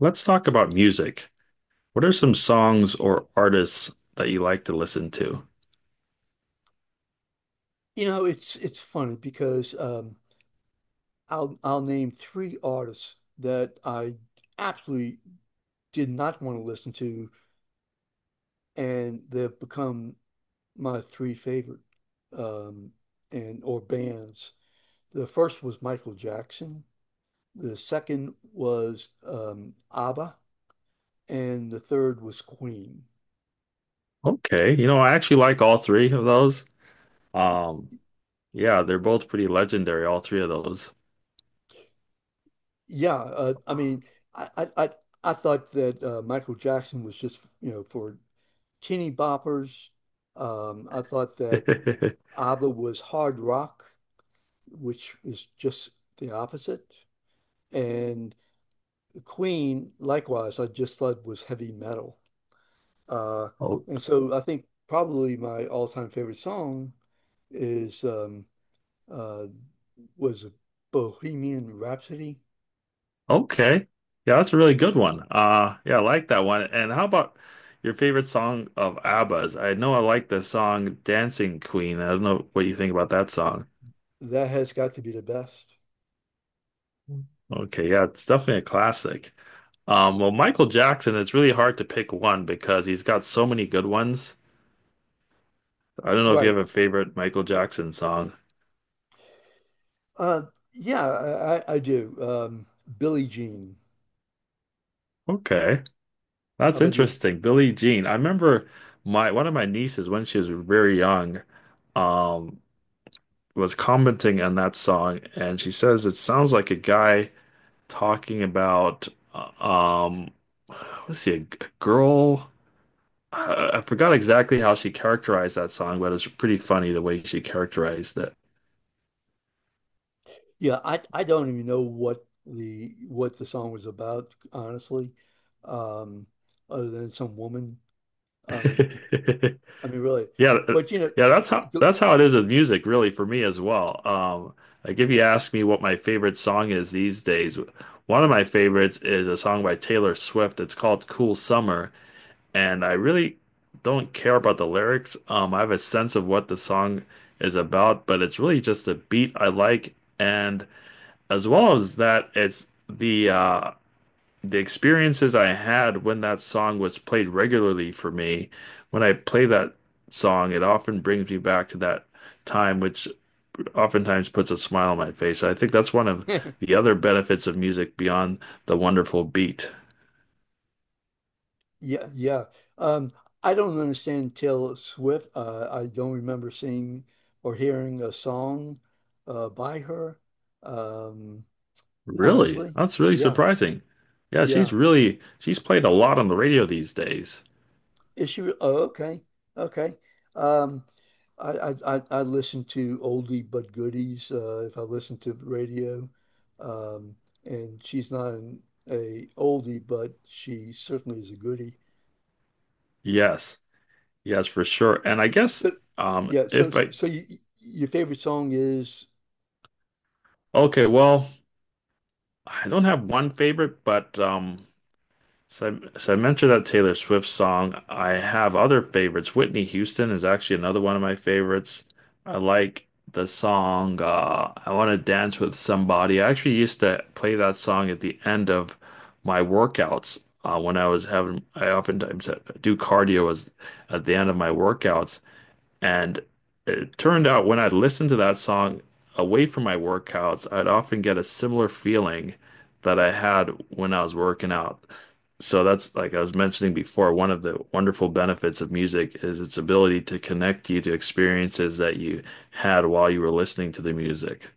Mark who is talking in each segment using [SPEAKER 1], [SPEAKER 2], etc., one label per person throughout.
[SPEAKER 1] Let's talk about music. What are some songs or artists that you like to listen to?
[SPEAKER 2] It's funny because I'll name three artists that I absolutely did not want to listen to, and they've become my three favorite um, and or bands. The first was Michael Jackson, the second was ABBA, and the third was Queen.
[SPEAKER 1] Okay, you know, I actually like all three of those. Um, yeah, they're both pretty legendary, all three of those.
[SPEAKER 2] Yeah, I mean, I I I I thought that Michael Jackson was just for teeny boppers. I thought that ABBA was hard rock, which is just the opposite. And Queen, likewise, I just thought was heavy metal. Uh,
[SPEAKER 1] Oh,
[SPEAKER 2] and so I think probably my all-time favorite song is uh, was Bohemian Rhapsody.
[SPEAKER 1] okay. Yeah, that's a really good one. Yeah, I like that one. And how about your favorite song of ABBA's? I know I like the song Dancing Queen. I don't know what you think about that song.
[SPEAKER 2] That has got to be the best.
[SPEAKER 1] Okay, yeah, it's definitely a classic. Well, Michael Jackson, it's really hard to pick one because he's got so many good ones. I don't know if you
[SPEAKER 2] Right.
[SPEAKER 1] have a favorite Michael Jackson song.
[SPEAKER 2] Uh, yeah, I do. Billie Jean.
[SPEAKER 1] Okay,
[SPEAKER 2] How
[SPEAKER 1] that's
[SPEAKER 2] about you?
[SPEAKER 1] interesting. Billie Jean. I remember my one of my nieces when she was very young. Um, was commenting on that song, and she says it sounds like a guy talking about uh, um, was he a girl? I forgot exactly how she characterized that song, but it's pretty funny the way she characterized
[SPEAKER 2] Yeah, I don't even know what the song was about, honestly, um, other than some woman. Uh,
[SPEAKER 1] it.
[SPEAKER 2] I mean, really,
[SPEAKER 1] Yeah, th-
[SPEAKER 2] but
[SPEAKER 1] yeah, that's
[SPEAKER 2] you
[SPEAKER 1] how
[SPEAKER 2] go-
[SPEAKER 1] that's how it is with music, really, for me as well. Like if you ask me what my favorite song is these days, one of my favorites is a song by Taylor Swift. It's called Cool Summer, and I really don't care about the lyrics. I have a sense of what the song is about, but it's really just a beat I like, and as well as that, it's the experiences I had when that song was played regularly for me. When I play that song, it often brings me back to that time, which oftentimes puts a smile on my face. I think that's one of the other benefits of music beyond the wonderful beat.
[SPEAKER 2] yeah, yeah. Um, I don't understand Taylor Swift. I don't remember seeing or hearing a song by her. Um,
[SPEAKER 1] Really?
[SPEAKER 2] honestly,
[SPEAKER 1] That's really
[SPEAKER 2] yeah,
[SPEAKER 1] surprising. Yeah,
[SPEAKER 2] yeah.
[SPEAKER 1] she's played a lot on the radio these days.
[SPEAKER 2] Is she? Oh, okay, okay. Um, I listen to oldie but goodies. If I listen to the radio, um, and she's not an a oldie, but she certainly is a goodie.
[SPEAKER 1] Yes. Yes, for sure. And I guess
[SPEAKER 2] So, yeah. So
[SPEAKER 1] if
[SPEAKER 2] so,
[SPEAKER 1] I
[SPEAKER 2] so your favorite song is,
[SPEAKER 1] okay, well, I don't have one favorite, but so, so I mentioned that Taylor Swift song. I have other favorites. Whitney Houston is actually another one of my favorites. I like the song I Want to Dance with Somebody. I actually used to play that song at the end of my workouts when I was I oftentimes do cardio as at the end of my workouts. And it turned out when I listened to that song away from my workouts, I'd often get a similar feeling that I had when I was working out. So that's like I was mentioning before, one of the wonderful benefits of music is its ability to connect you to experiences that you had while you were listening to the music.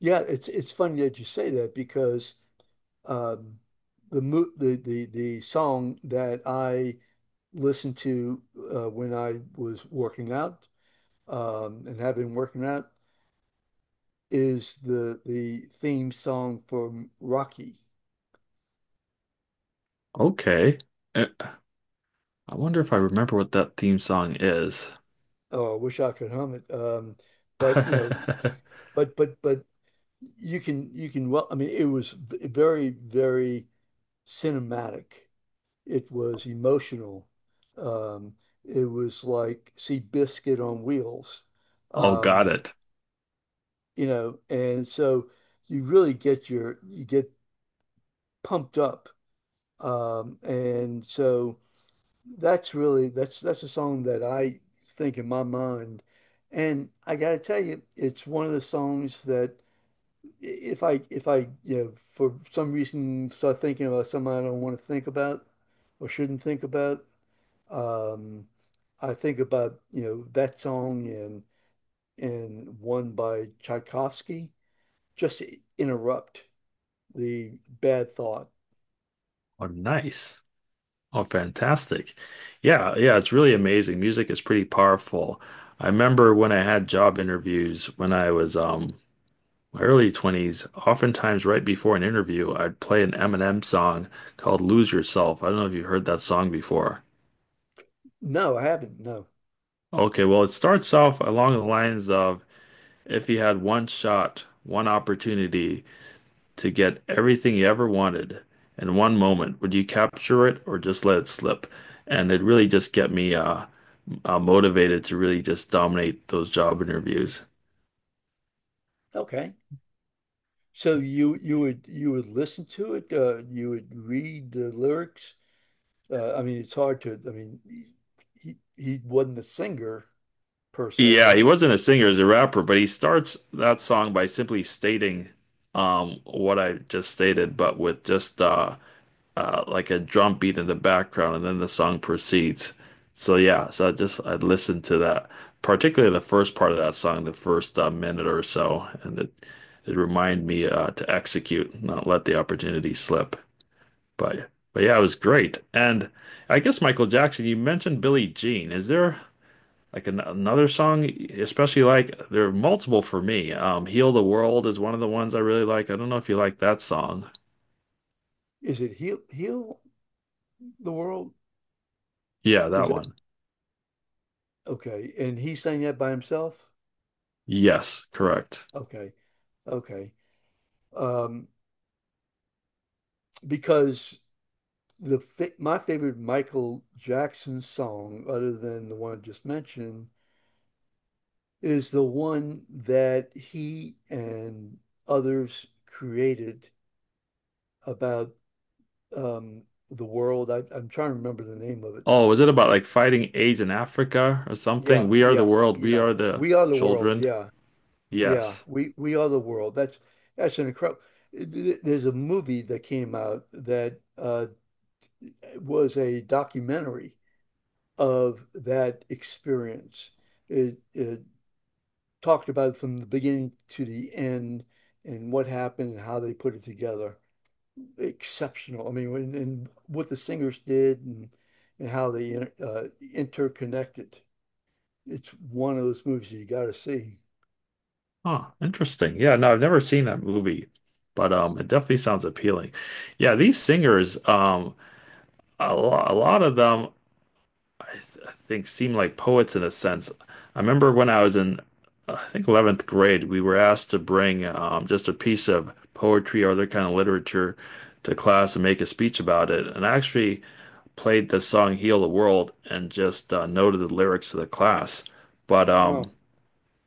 [SPEAKER 2] yeah. It's funny that you say that because um, the mo the song that I listened to when I was working out and have been working out is the theme song from Rocky.
[SPEAKER 1] Okay. Eh, I wonder if I remember what that theme song is.
[SPEAKER 2] Oh, I wish I could hum it. But you know, but you can well, I mean, it was very very cinematic. It was emotional. Um, it was like see biscuit on wheels.
[SPEAKER 1] Oh, got
[SPEAKER 2] Um,
[SPEAKER 1] it.
[SPEAKER 2] and so you really get your you get pumped up. And so. That's a song that I think in my mind, and I gotta tell you, it's one of the songs that I- if I if I you know for some reason start thinking about something I don't want to think about or shouldn't think about, um, I think about that song and one by Tchaikovsky just to interrupt the bad thought.
[SPEAKER 1] Oh, nice. Oh, fantastic. Yeah, yeah, it's really amazing. Music is pretty powerful. I remember when I had job interviews when I was my early 20s. Oftentimes right before an interview, I'd play an Eminem song called Lose Yourself. I don't know if you've heard that song before.
[SPEAKER 2] No, I haven't. No.
[SPEAKER 1] Okay, well, it starts off along the lines of, if you had one shot, one opportunity to get everything you ever wanted in one moment, would you capture it or just let it slip? And it really just get me motivated to really just dominate those job interviews.
[SPEAKER 2] Okay. So you would listen to it, you would read the lyrics. I mean, it's hard to. I mean, he wasn't a singer per se,
[SPEAKER 1] Yeah, he
[SPEAKER 2] right?
[SPEAKER 1] wasn't a singer, he a rapper, but he starts that song by simply stating what I just stated, but with just like a drum beat in the background, and then the song proceeds. So yeah, so I just I listened to that, particularly the first part of that song, the first minute or so, and it reminded me to execute, not let the opportunity slip. But yeah, it was great. And I guess Michael Jackson, you mentioned Billie Jean. Is there like an another song, especially like there are multiple for me. Heal the World is one of the ones I really like. I don't know if you like that song.
[SPEAKER 2] Is it heal the world?
[SPEAKER 1] Yeah,
[SPEAKER 2] Is
[SPEAKER 1] that
[SPEAKER 2] that
[SPEAKER 1] one.
[SPEAKER 2] okay? And he sang that by himself?
[SPEAKER 1] Yes, correct.
[SPEAKER 2] Okay, okay. Um, because the fa my favorite Michael Jackson song, other than the one I just mentioned, is the one that he and others created about um, the world. I'm trying to remember the name of it.
[SPEAKER 1] Oh, was it about like fighting AIDS in Africa or something?
[SPEAKER 2] Yeah,
[SPEAKER 1] We are the
[SPEAKER 2] yeah,
[SPEAKER 1] world, we
[SPEAKER 2] yeah.
[SPEAKER 1] are the
[SPEAKER 2] We are the world.
[SPEAKER 1] children.
[SPEAKER 2] Yeah, yeah.
[SPEAKER 1] Yes.
[SPEAKER 2] We are the world. That's an incredible. There's a movie that came out that was a documentary of that experience. It talked about it from the beginning to the end and what happened and how they put it together. Exceptional. I mean, and what the singers did and how they interconnected. It's one of those movies you got to see.
[SPEAKER 1] Huh, interesting. Yeah, no, I've never seen that movie, but it definitely sounds appealing. Yeah, these singers, a lot of them I think seem like poets in a sense. I remember when I was in, I think 11th grade, we were asked to bring just a piece of poetry or other kind of literature to class and make a speech about it. And I actually played the song "Heal the World" and just noted the lyrics to the class. But um,
[SPEAKER 2] Wow.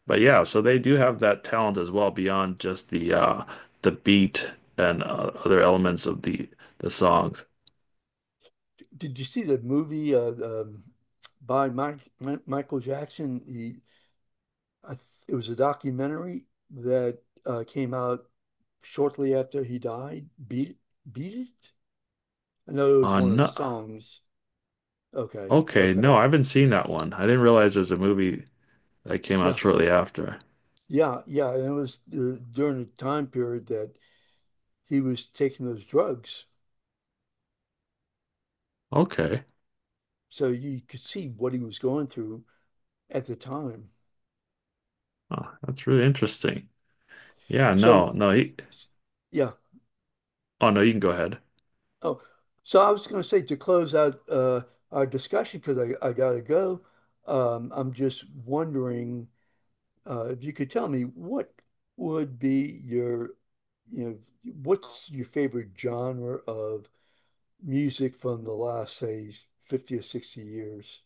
[SPEAKER 1] but yeah, so they do have that talent as well beyond just the beat and other elements of the songs.
[SPEAKER 2] Did you see the movie by Michael Jackson? I, th- it was a documentary that came out shortly after he died. Beat It? I know it was one of his
[SPEAKER 1] No,
[SPEAKER 2] songs. Okay,
[SPEAKER 1] okay, no,
[SPEAKER 2] okay.
[SPEAKER 1] I haven't seen that one. I didn't realize there's a movie that came out
[SPEAKER 2] Yeah,
[SPEAKER 1] shortly after.
[SPEAKER 2] yeah, yeah. And it was during a time period that. He was taking those drugs.
[SPEAKER 1] Okay.
[SPEAKER 2] So you could see what he was going through at the time.
[SPEAKER 1] Oh, that's really interesting. Yeah,
[SPEAKER 2] So,
[SPEAKER 1] no, no, he,
[SPEAKER 2] yeah.
[SPEAKER 1] oh no, you can go ahead.
[SPEAKER 2] Oh, so I was going to say to close out our discussion because I got to go. I'm just wondering if you could tell me what would be your, you know, what's your favorite genre of music from the last, say, 50 or 60 years?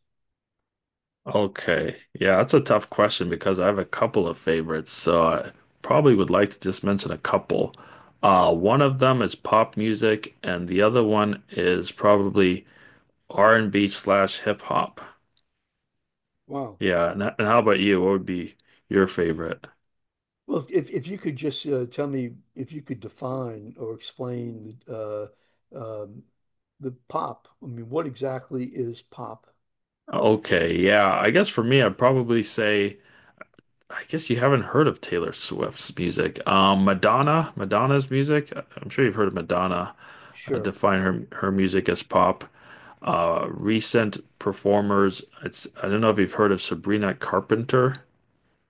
[SPEAKER 1] Okay. Yeah, that's a tough question because I have a couple of favorites, so I probably would like to just mention a couple. One of them is pop music, and the other one is probably R&B slash hip hop.
[SPEAKER 2] Wow.
[SPEAKER 1] Yeah, and how about you? What would be your favorite?
[SPEAKER 2] Well, if you could just tell me if you could define or explain um, the pop. I mean, what exactly is pop?
[SPEAKER 1] Okay, yeah, I guess for me, I'd probably say, I guess you haven't heard of Taylor Swift's music. Madonna's music. I'm sure you've heard of Madonna. I
[SPEAKER 2] Sure.
[SPEAKER 1] define her music as pop. Recent performers. It's I don't know if you've heard of Sabrina Carpenter.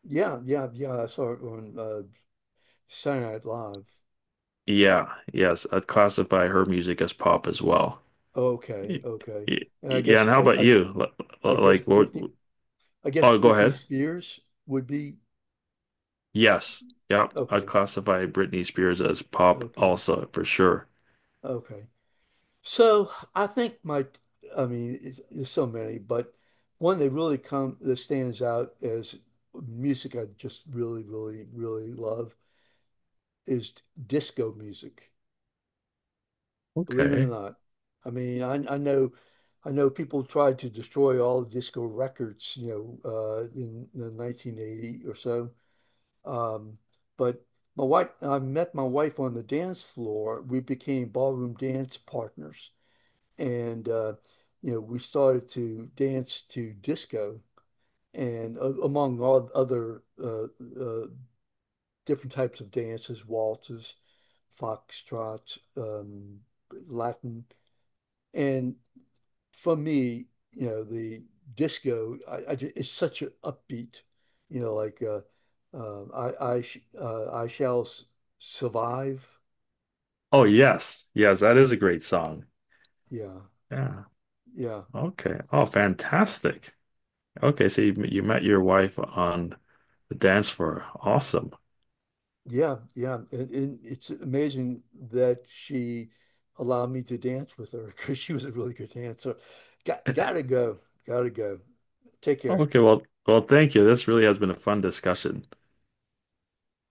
[SPEAKER 2] Yeah, yeah, yeah. I saw it on Saturday Night Live.
[SPEAKER 1] Yeah, yes, I'd classify her music as pop as well.
[SPEAKER 2] Okay,
[SPEAKER 1] Y-
[SPEAKER 2] okay.
[SPEAKER 1] y-
[SPEAKER 2] And I
[SPEAKER 1] Yeah,
[SPEAKER 2] guess
[SPEAKER 1] and how about you?
[SPEAKER 2] I guess
[SPEAKER 1] Like, what?
[SPEAKER 2] Britney
[SPEAKER 1] Oh, go
[SPEAKER 2] Britney
[SPEAKER 1] ahead.
[SPEAKER 2] Spears would be.
[SPEAKER 1] Yes, yeah, I'd
[SPEAKER 2] Okay,
[SPEAKER 1] classify Britney Spears as pop
[SPEAKER 2] okay,
[SPEAKER 1] also for sure.
[SPEAKER 2] okay. So I think I mean, there's so many, but one that really come that stands out as music I just really, really, really love is disco music. Believe it or
[SPEAKER 1] Okay.
[SPEAKER 2] not, I mean, I know people tried to destroy all the disco records, in the 1980 or so. Um, but my wife, I met my wife on the dance floor. We became ballroom dance partners. And we started to dance to disco and among all other uh, different types of dances, waltzes, foxtrots, Latin, and for me, the disco, it's such an upbeat, like uh, I shall survive,
[SPEAKER 1] Oh, yes. Yes, that is a great song.
[SPEAKER 2] yeah,
[SPEAKER 1] Yeah.
[SPEAKER 2] yeah.
[SPEAKER 1] Okay. Oh, fantastic. Okay, so you met your wife on the dance floor. Awesome.
[SPEAKER 2] Yeah, yeah. And it's amazing that she allowed me to dance with her because she was a really good dancer. Gotta go. Gotta go. Take care.
[SPEAKER 1] Okay, well, well, thank you. This really has been a fun discussion.